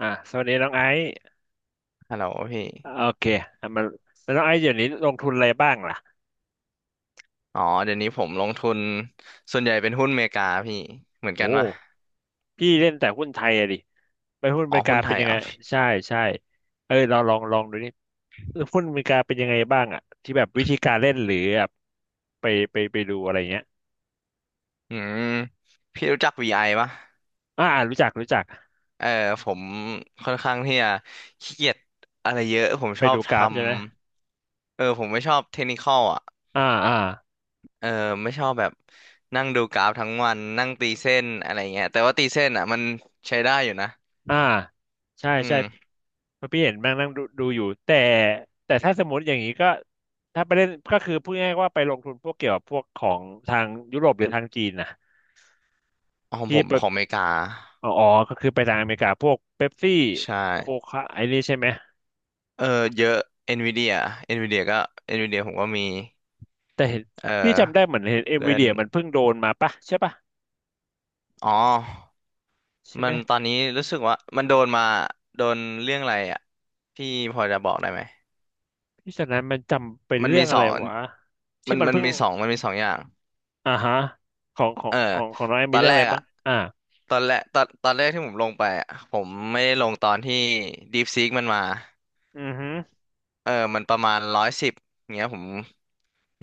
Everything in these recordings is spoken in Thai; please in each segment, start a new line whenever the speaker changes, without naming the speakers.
สวัสดีน้องไอซ์
ฮัลโหลพี่
โอเคอ่ะมาแล้วน้องไอซ์เดี๋ยวนี้ลงทุนอะไรบ้างล่ะ
อ๋อเดี๋ยวนี้ผมลงทุนส่วนใหญ่เป็นหุ้นอเมริกาพี่เหมือนกัน
โอ้
ปะ
พี่เล่นแต่หุ้นไทยอะดิไปหุ้นอ
อ๋
เม
อ
ริกา
หุ้นไท
เป็น
ย
ยัง
เหร
ไง
อพี่
ใช่ใช่เอ้ยเราลองดูนี่เออหุ้นอเมริกาเป็นยังไงบ้างอะที่แบบวิธีการเล่นหรือแบบไปไปดูอะไรเงี้ย
อืมพี่รู้จัก VI ปะ
อ่ารู้จักรู้จัก
เออผมค่อนข้างที่จะขี้เกียจอะไรเยอะผม
ไป
ชอบ
ดู
ท
กราฟใช่ไหม
ำเออผมไม่ชอบเทคนิคอลอ่ะ
อ่าอ่า
เออไม่ชอบแบบนั่งดูกราฟทั้งวันนั่งตีเส้นอะไรเงี้ยแต่ว่าตีเส้นอ่ะมันใช้ได้อยู่นะ
อ่าใช่
อื
ใช่
ม
เพราะพี่เห็นแม่งนั่งดูอยู่แต่แต่ถ้าสมมติอย่างนี้ก็ถ้าไปเล่นก็คือพูดง่ายๆว่าไปลงทุนพวกเกี่ยวกับพวกของทางยุโรปหรือทางจีนนะ
ของผ
ที่
ม
ไป
ของอเมริกา
อ๋ออ๋อก็คือไปทางอเมริกาพวกเป๊ปซี่
ใช่
โคคาไอ้นี่ใช่ไหม
เออเยอะ NVIDIA NVIDIA ก็ NVIDIA ผมก็มี
แต่เห็น
เอ
พี่จำได้เหมือน
อ
เห็นเอ็นวีเดี
Google
ยมันเพิ่งโดนมาปะใช่ปะ
อ๋อ
ใช่
มั
ไหม
นตอนนี้รู้สึกว่ามันโดนมาโดนเรื่องอะไรอ่ะพี่พอจะบอกได้ไหม
พี่ฉะนั้นมันจำเป็น
มัน
เรื่อ
มี
ง
ส
อะไร
อง
วะที่
มัน
มัน
มัน
เพิ่ง
มีสองมันมีสองอย่าง
อ่าฮะของขอ
เอ
ง
อ
ของของน้องแอม
ต
มี
อน
เรื่อง
แร
อะไร
ก
บ้า
อ่ะ
งอ่า
ตอนแรกตอนแรกที่ผมลงไปอ่ะผมไม่ได้ลงตอนที่ DeepSeek มันมา
อือฮึ
เออมันประมาณ110เงี้ยผม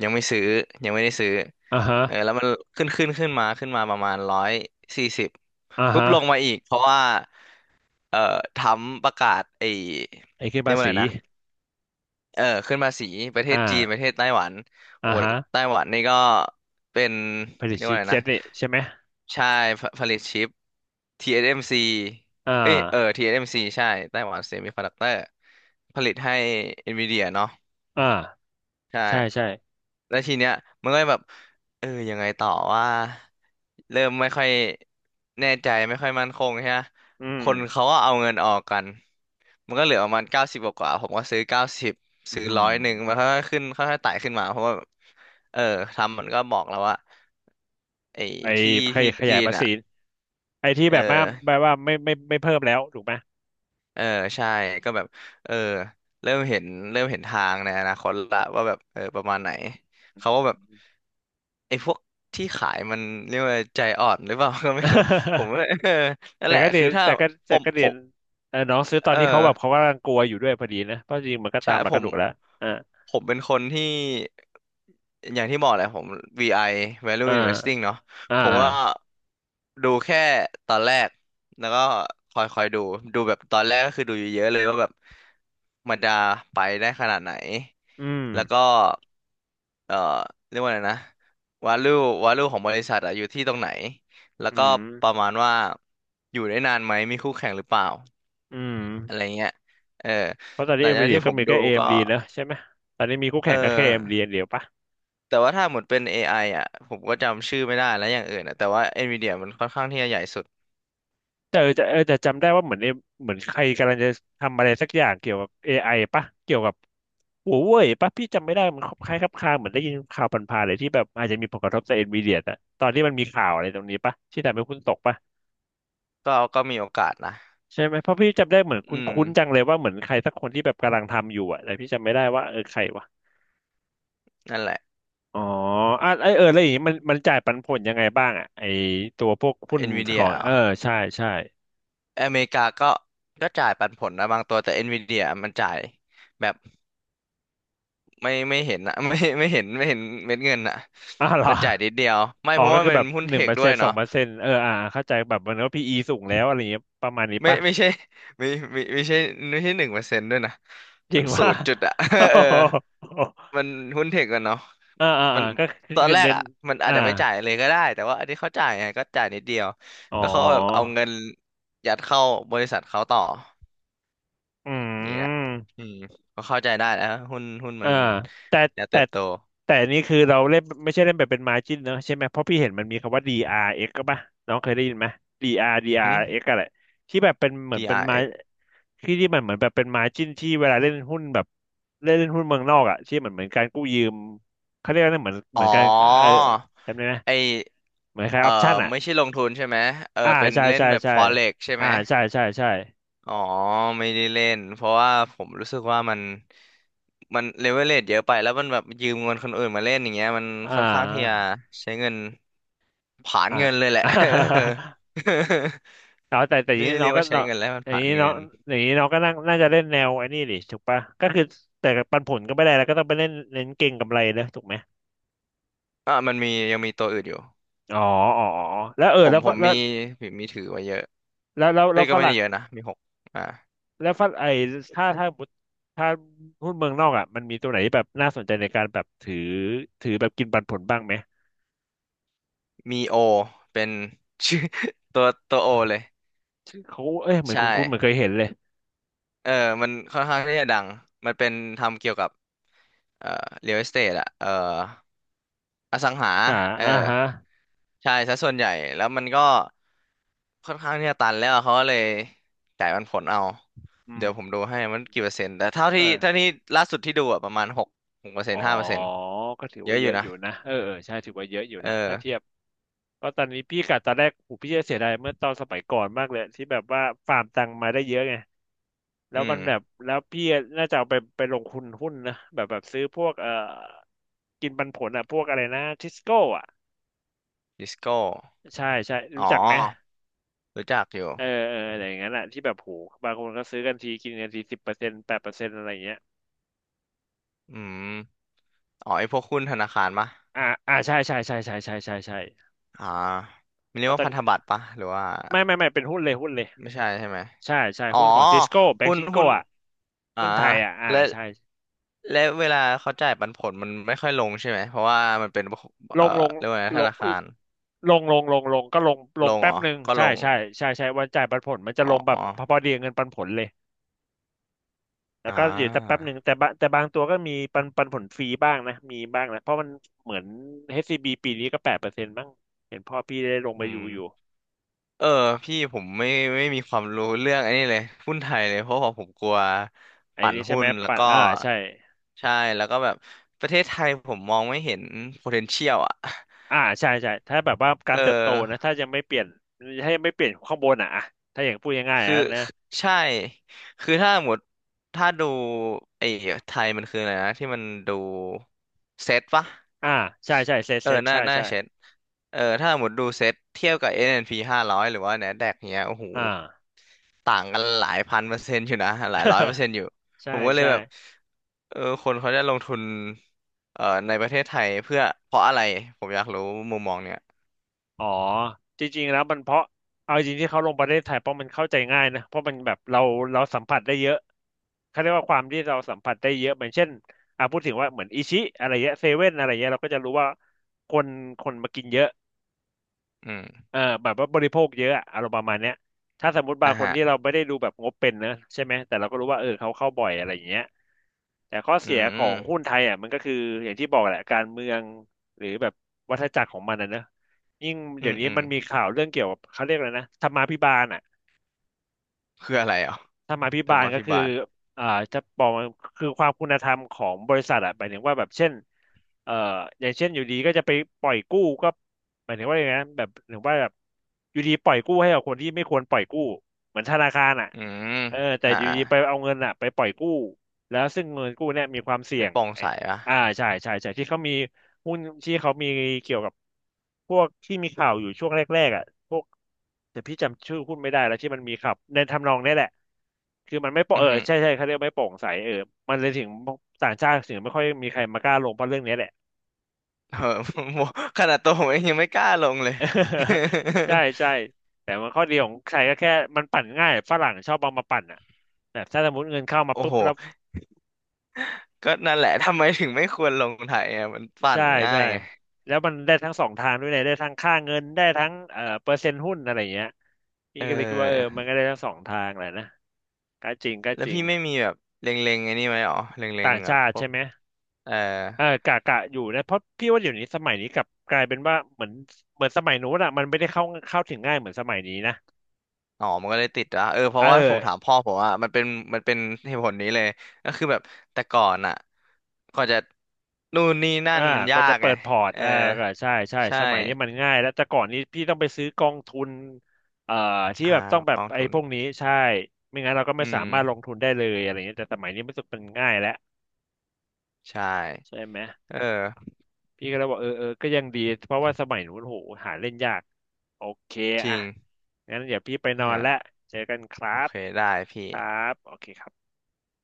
ยังไม่ซื้อยังไม่ได้ซื้อ
อ่าฮะ
เออแล้วมันขึ้นมาประมาณ140
อ่า
ปุ๊บ
ฮะ
ลงมาอีกเพราะว่า เอ่อทรัมป์ประกาศไอ้
ไอ้คือ
เรีย
ภา
กว่าอะ
ษี
ไรนะเออขึ้นภาษีประเทศจีนป
อ่า
ระเทศไต้หวัน
อ่า
โห
ฮะ
ไต้หวันนี่ก็เป็น
ภาษี
เรียก
ชิ
ว่า
ป
อะไร
เซ็
นะ
ตนี่ใช่ไหม
ใช่ผผลิตชิป TSMC
อ่
เอสเอ็มซีเอ้ยเออ
า
TSMC ใช่ไต้หวันเซมิคอนดักเตอร์ผลิตให้ NVIDIA เนาะ
อ่า
ใช่
ใช่ใช่
แล้วทีเนี้ยมันก็แบบเออยังไงต่อว่าเริ่มไม่ค่อยแน่ใจไม่ค่อยมั่นคงใช่ไหม
อื
ค
ม
นเขาก็เอาเงินออกกันมันก็เหลือประมาณเก้าสิบกว่าๆผมก็ซื้อเก้าสิบ
อื
ซื้อ
ม
101มันค่อยๆขึ้นค่อยๆไต่ขึ้นมาเพราะว่าเออทำมันก็บอกแล้วว่าไอ้
ไอ้
ที่
ขย
ที่
ขยาย
จีน
ภาษี
อ่ะ
ไอ้ที่
เออ
แบบว่าแบบว่าไม่เพิ่มแล้วถูกไหม
เออใช่ก็แบบเออเริ่มเห็นเริ่มเห็นทางในอนาคตละว่าแบบเออประมาณไหนเขาก็แบบไอ้พวกที่ขายมันเรียกว่าใจอ่อนหรือเปล่า ก็ไม่รู้ผม ว่าเออ นั่น
แต่
แหละ
ก็เรี
คื
ย
อ
น
ถ้า
แต่ก็
ผ
แต่
ม
ก็
ผ
เรียน
ม
เออน้องซื้อตอน
เออ
ที่เขากำลังกลัวอยู่ด้วยพอดีนะเพราะจริงมันก็ตา
ใช่
มหลัก
ผ
กระ
ม
ดูกแล้วอ่า
ผมเป็นคนที่อย่างที่บอกแหละผม VI Value
อ่า
Investing เนาะ
อ่า
ผม
อา
ก็ดูแค่ตอนแรกแล้วก็คอยดูดูแบบตอนแรกก็คือดูเยอะๆเลยว่าแบบมันจะไปได้ขนาดไหน
อืม
แล้วก็เอ่อเรียกว่าอะไรนะ value value ของบริษัทอะอยู่ที่ตรงไหนแล้ว
อื
ก็
ม
ประมาณว่าอยู่ได้นานไหมมีคู่แข่งหรือเปล่า
อืม
อะไรเงี้ยเออ
เพราะตอน
ห
นี้
ลัง
เอ็ม
จา
วี
ก
เดีย
ที่
ก็
ผม
มี
ดู
แค่เอ็ม
ก็
ดีนะใช่ไหม ตอนนี้มีคู่
เอ
แข่งก็แค่เอ็มดี
อ
เดียวปะ
แต่ว่าถ้าหมดเป็น AI อไออ่ะผมก็จำชื่อไม่ได้แล้วอย่างอื่นอ่ะแต่ว่า NVIDIA มันค่อนข้างที่จะใหญ่สุด
แต่เออแต่เออแต่จำได้ว่าเหมือนเอเหมือนใครกำลังจะทำอะไรสักอย่างเกี่ยวกับ AI ปะเกี่ยวกับหัวเว่ยปะพี่จำไม่ได้มันคล้ายคลับคลาเหมือนได้ยินข่าวผ่านๆเลยที่แบบอาจจะมีผลกระทบต่อเอ็นวีเดียอะตอนที่มันมีข่าวอะไรตรงนี้ปะที่ทำให้คุณตกปะ
ก็มีโอกาสนะ
ใช่ไหมเพราะพี่จำได้เหมือนค
อืม
ุ้นๆจังเลยว่าเหมือนใครสักคนที่แบบกำลังทำอยู่อะแต่พี่จำไม่ได้ว่าเออใครวะ
นั่นแหละ
อ๋ออ่ะไอเอออะไรอย่างงี้มันจ่ายปันผลยังไงบ้างอะไอตัวพวกหุ้นขอ
NVIDIA
ง
เอ
เออ
ร
ใช่ใช่
ออเมริกาก็จ่ายปันผลนะบางตัวแต่ NVIDIA มันจ่ายแบบไม่เห็นนะ ไม่เห็นเม็ดเงินอ่ะ
อ้าวเหรอ
มันจ่ายนิดเดียวไม่
อ๋อ
เพราะ
ก็
ว่า
คือ
มัน
แบบ
หุ้น
ห
เท
นึ่งเป
ค
อร์
ด้
เซ็
ว
น
ย
ต์สอง
เนาะ
เปอร์เซ็นต์เอออ่าเข้าใจแบบมันก็พีอีสูงแล้วอะไรอย่างเงี้ยประมาณนี้
ไม่
ปะ
ไม่ใช่ไม่ไม่ไม่ใช่ไม่ใช่1%ด้วยนะ
จ
มั
ริง
นศู
ว่า
นย์จุดอะ เออมันหุ้นเทคกันเนาะ
อ่าอ่า
มั
อ่า
น
ก็คื
ตอน
อ
แรก
เน้น
อะมันอา
อ่า
จจะไม่จ่ายเลยก็ได้แต่ว่าอันนี้เขาจ่ายไงก็จ่ายนิดเดียว
อ๋อ
ก็เขาแบบเอาเงินยัดเข้าบริษัทเขาต่อ
อื
อย่างเงี้ย
ม
อืมก็เข้าใจได้นะหุ้นมั
อ่า
น
แต่
จะเติ
แต่
บโต
แต่นี่คือเราเล่นไม่ใช่เล่นแบบเป็น margin เนอะใช่ไหมเพราะพี่เห็นมันมีคำว่า DRX กซ์ก็ป่ะน้องเคยได้ยินไหม
หึ
DRX อาร์ดีอาร์เอ็กซ์อะไรที่แบบเป็นเหมือนเป็น
DRX อาร์
มา
เอ็กซ์
ที่ที่มันเหมือนแบบเป็น margin ที่เวลาเล่นหุ้นแบบเล่นเล่นหุ้นเมืองนอกอ่ะที่เหมือนการกู้ยืมเขาเรียกว่าเหมือนเหมือ
อ๋
น
อ
การเออจำได้ไหม
ไอ
เหมือนคล้าย
เออ
ออปชั่นอ่ะ
ไม่ใช่ลงทุนใช่ไหมเออ
อ่า
เป็น
ใช่
เล่น
ใช่
แบบ
ใช่
Forex ใช่
อ่า
ไหม
ใช่ใช่ใช่
อ๋อไม่ได้เล่นเพราะว่าผมรู้สึกว่ามันเลเวลเลทเยอะไปแล้วมันแบบยืมเงินคนอื่นมาเล่นอย่างเงี้ยมัน
อ่
ค่อนข้างที่จะ
า
ใช้เงินผลาญ
อ่า
เงินเลยแหละ
เอาแต่ อย่าง
ไม่
นี้
ได้
น้
เรี
อ
ย
ง
ก
ก็
ว่าใช้
น้อง
เงินแล้วมัน
อ
ผ
ย่าง
ลาญ
นี้น้อ
เงิ
ง
น
อย่างนี้น้องก็น่าจะเล่นแนวไอ้นี่ดิถูกปะก็คือแต่ปันผลก็ไม่ได้แล้วก็ต้องไปเล่นเน้นเก่งกำไรนะถูกไหม
อ่ะมันมียังมีตัวอื่นอยู่
อ๋ออ๋ออ๋อแล้วเออ
ผม
แล้ว
ผ
ฝ
ม
แล้ว
มีมีถือไว้เยอะ
แล้วแล้ว
เอ้
แล้
ย
ว
ก็
ฝ
ไม่ได้
รั่ง
เยอะนะมีหกอ่า
แล้วฝรั่งไอ้ถ้าถ้าถ้าหุ้นเมืองนอกอ่ะมันมีตัวไหนที่แบบน่าสนใจในการแบบถือแบบกินปันผลบ้างไหม
มีโอเป็นชื่อ ตัวโอเลย
ชื่อเขาเอ้ยเหมือน
ใช่
คุณเหมือนเคยเห็นเลย
เออมันค่อนข้างที่จะดังมันเป็นทำเกี่ยวกับเอ่อ real estate อะเออ อสังหา
อ่า
เออ
อ่าฮะ
ใช่ซะส่วนใหญ่ แล้วมันก็ค่อนข้างที่จะตันแล้วเขาก็เลยจ่ายปันผลเอา
อื
เดี๋ยวผม
ม
ดูให้มันกี่เปอร์เซ็นต์ แต่เท่า
เอ
ที่เท่า
อ
นี้ล่าสุดที่ดูอะประมาณหกหกเปอร์เซ็น
อ๋อ
ต์5%
ก็ถือ
เย
ว่า
อะอ
เย
ยู่
อะอ
นะ
ยู่นะเออเออใช่ถือว่าเยอะอยู่
เออ
นะ ถ้าเทียบ ก็ตอนนี้พี่กะตอนแรกโหพี่จะเสียดายเมื่อตอนสมัยก่อนมากเลยที่แบบว่าฟาร์มตังมาได้เยอะไงแล้
อื
วมั
ม
นแบบแล้วพี่น่าจะเอาไปลงทุนหุ้นนะแบบแบบซื้อพวกเอ่อกินปันผลอ่ะพวกอะไรนะทิสโก้อ่ะ
ดิสโก้
ใช่ใช่
อ๋อ
รู้จักไหม
รู้จักอยู่
เออเอออะไรอย่างนั้นแหละที่แบบโหบางคนก็ซื้อกันทีกินกันที10%8%อะไรอย่างเงี้ย
อืมอ๋อไอพวกหุ้นธนาคารปะ
อ่าอ่าใช่ใช่ใช่ใช่ใช่ใช่ใช่
อ่ามัน
เพ
เรียก
ราะต
ว่า
อน
พันธบัตรปะหรือว่า
ไม่เป็นหุ้นเลยหุ้นเลย
ไม่ใช่ใช่ไหม
ใช่ใช่
อ๋อ
หุ้นของซิสโก้แบง
หุ้
ก์
น
ซิสโก้
หุ้น
อ่ะ
อ่า
หุ้นไทยอ่ะอ่า
และ
ใช่
และเวลาเขาจ่ายปันผลมันไม่ค่อยลงใช่ไหม เพราะว่ามันเป็น
ล
เอ่อ
งลง
เรียกว่าไง
ล
ธ
ง
นาคาร
ลงลงก็ลงล
ล
ง
ง
แป๊
เหร
บ
อ
หนึ่ง
ก็
ใช่
ลง
ใช่ใช่ใช่วันจ่ายปันผลมันจะ
อ๋
ลงแบ
อ
บพอพอดีกับเงินปันผลเลยแล้ว
อ่า
ก็อยู่สักแป๊บหนึ่งแต่บางตัวก็มีปันผลฟรีบ้างนะมีบ้างนะเพราะมันเหมือนเอชซีบีปีนี้ก็8%บ้างเห็นพ่อพี่ได้ลงไป
อื
อยู่
ม
อยู่
เออ พี่ผมไม่ไม่มีความรู้เรื่องไอันนี้เลย หุ้นไทยเลยเพราะว่าผมกลัว
ไอ้
ปั่น
นี้ใช่
หุ้
ไหม
นแล้ว
ปัน
ก็
อ่าใช่
ใช่แล้วก็แบบประเทศไทยผมมองไม่เห็น potential อ่ะ
อ่าใช่ใช่ถ้าแบบว่ากา
เอ
รเติบโตนะ
อ
ถ้ายังไม่เปลี่ยนถ้ายังไม่เปลี่ยนข้างบนอ่ะถ้าอย่างพูดง่ายๆ
คือ
นะ
ใช่คือถ้าหมดถ้าดูไอ้ไทยมันคืออะไรนะที่มันดูเซตปะ
อ่าใช่ใช่เซต
เอ
เซ
อ
ต
น่า
ใช่
น่า
ใช่
เซตเออถ้าหมดดูเซตเทียบกับ n p 500หรือว่า NASDAQ เนี้ยโอ้โห
อ่า
ต่างกันหลายพันเปอร์เซ็นต์อยู่นะหลายร้อยเปอร์เซ็นต์อยู่
ใช่
ผมก็เลย
ใช่
แบบเออคนเขาจะลงทุนในประเทศไทยเพื่อเพราะอะไรผมอยากรู้มุมมองเนี้ย
อ๋อจริงๆแล้วมันเพราะเอาจริงที่เขาลงประเทศไทยเพราะมันเข้าใจง่ายนะเพราะมันแบบเราสัมผัสได้เยอะเขาเรียกว่าความที่เราสัมผัสได้เยอะเหมือนเช่นพูดถึงว่าเหมือนอิชิอะไรเงี้ยเซเว่นอะไรเงี้ยเราก็จะรู้ว่าคนคนมากินเยอะ
อืม
เออแบบว่าบริโภคเยอะอะอารมณ์ประมาณเนี้ยถ้าสมมติบา
อ่ะ
งคน
ฮะ
ที่เราไม่ได้ดูแบบงบเป็นนะใช่ไหมแต่เราก็รู้ว่าเออเขาเข้าบ่อยอะไรอย่างเงี้ยแต่ข้อ
อื
เสียของหุ้
ม
นไทยอ่ะมันก็คืออย่างที่บอกแหละการเมืองหรือแบบวัฏจักรของมันนะเนอะยิ่ง
อื
เดี๋ย
ม
วนี้
อืม
มันมีข่าวเรื่องเกี่ยวกับเขาเรียกอะไรนะธรรมาภิบาลอ่ะ
คืออะไรอ่ะ
ธรรมาภิ
ธร
บา
ร
ล
มา
ก็
ภิ
คือ
บาล
อ่าจะบอกว่าคือความคุณธรรมของบริษัทอะหมายถึงว่าแบบเช่นเอ่ออย่างเช่นอยู่ดีก็จะไปปล่อยกู้ก็หมายถึงว่าอย่างนั้นแบบหรือว่าแบบอยู่ดีปล่อยกู้ให้กับคนที่ไม่ควรปล่อยกู้เหมือนธนาคารอะ
อืม
เออแต่
อ่า
อยู่ดีไปเอาเงินอะไปปล่อยกู้แล้วซึ่งเงินกู้เนี่ยมีความเสี่ย
ไม่
ง
โปร่ง
ไอ้
ใสอ่ะ
อ่าใช่ใช่ที่เขามี หุ้นที่เขามีเกี่ยวกับพวกที่มีข่าวอยู่ช่วงแรกๆอ่ะพวกแต่พี่จำชื่อหุ้นไม่ได้แล้วที่มันมีข่าวในทำนองนี้แหละคือมันไม่โปร่ง
อื
เอ
อ
อ
หือ
ใช่ใช่เขาเรียกไม่โปร่งใสเออมันเลยถึงต่างชาติถึงไม่ค่อยมีใครมากล้าลงเพราะเรื่องนี้แหละ
เออ ผมขนาดตัวผมเองยังไม่กล้าลงเลย
ใช่ใช่ แต่มันข้อดีของใครก็แค่มันปั่นง่ายฝรั่งชอบเอามาปั่นอ่ะแบบถ้าสมมติเงินเข้ามา
โอ้
ปุ๊บ
โห
แล้ว
ก็นั่นแหละทำไมถึงไม่ควรลงไทยอ่ะมันปั่น
ใช่
ง่าย
ใช่
ไง
แล้วมันได้ทั้งสองทางด้วยเนี่ยได้ทั้งค่าเงินได้ทั้งเปอร์เซ็นต์หุ้นอะไรอย่างเงี้ยพี่
เอ
ก็เลยคิดว่าเออ
อ
มันก็ได้ทั้งสองทางแหละนะก็จริงก็
แล้ว
จริ
พี่
ง
ไม่มีแบบเล็งๆไอ้นี่ไหมหรอเล็ง
ต่าง
ๆแบบ
ชา
พ
ติ
ว
ใช่
ก
ไหม
เออ
เออกะอยู่นะเพราะพี่ว่าเดี๋ยวนี้สมัยนี้กลับกลายเป็นว่าเหมือนสมัยนู้นอะมันไม่ได้เข้าถึงง่ายเหมือนสมัยนี้นะ
อ๋อมันก็เลยติดอ่ะเออเพ
เอ
ราะ
อ
ว่าผมถามพ่อผมอ่ะมันเป็นมันเป็นเหตุผลนี้เลยก็คือแบบแต่ก่อนอ่ะก่อนจะนู่นนี่นั่
อ่า
นมัน
ก
ยา
ว่าจะ
ก
เปิ
ไง
ดพอร์ต
เออ
อ่าก็ใช่ใช่
ใช่
สมัยนี้มันง่ายแล้วแต่ก่อนนี้พี่ต้องไปซื้อกองทุนเอ่อที่
อ่า
แบบต้องแบ
ก
บ
อง
ไอ้
ทุน
พวกนี้ใช่ไม่งั้นเราก็
อื
ไม่สามารถลง
ม
ทุนได้เลยอะไรเงี้ยแต่สมัยนี้มันสึกมันง่ายแล้ว
ใช่
ใช่ไหม
เออ
พี่ก็เลยบอกเออเออก็ยังดีเพราะว่าสมัยนู้นโหหาเล่นยากโอเค
จ
อ่ะ
ริง
งั้นเดี๋ยวพี่ไปนอนแล้ว
ฮะ
เจอกันครั
โอ
บ
เคได้พี่
ครับโอเคครับ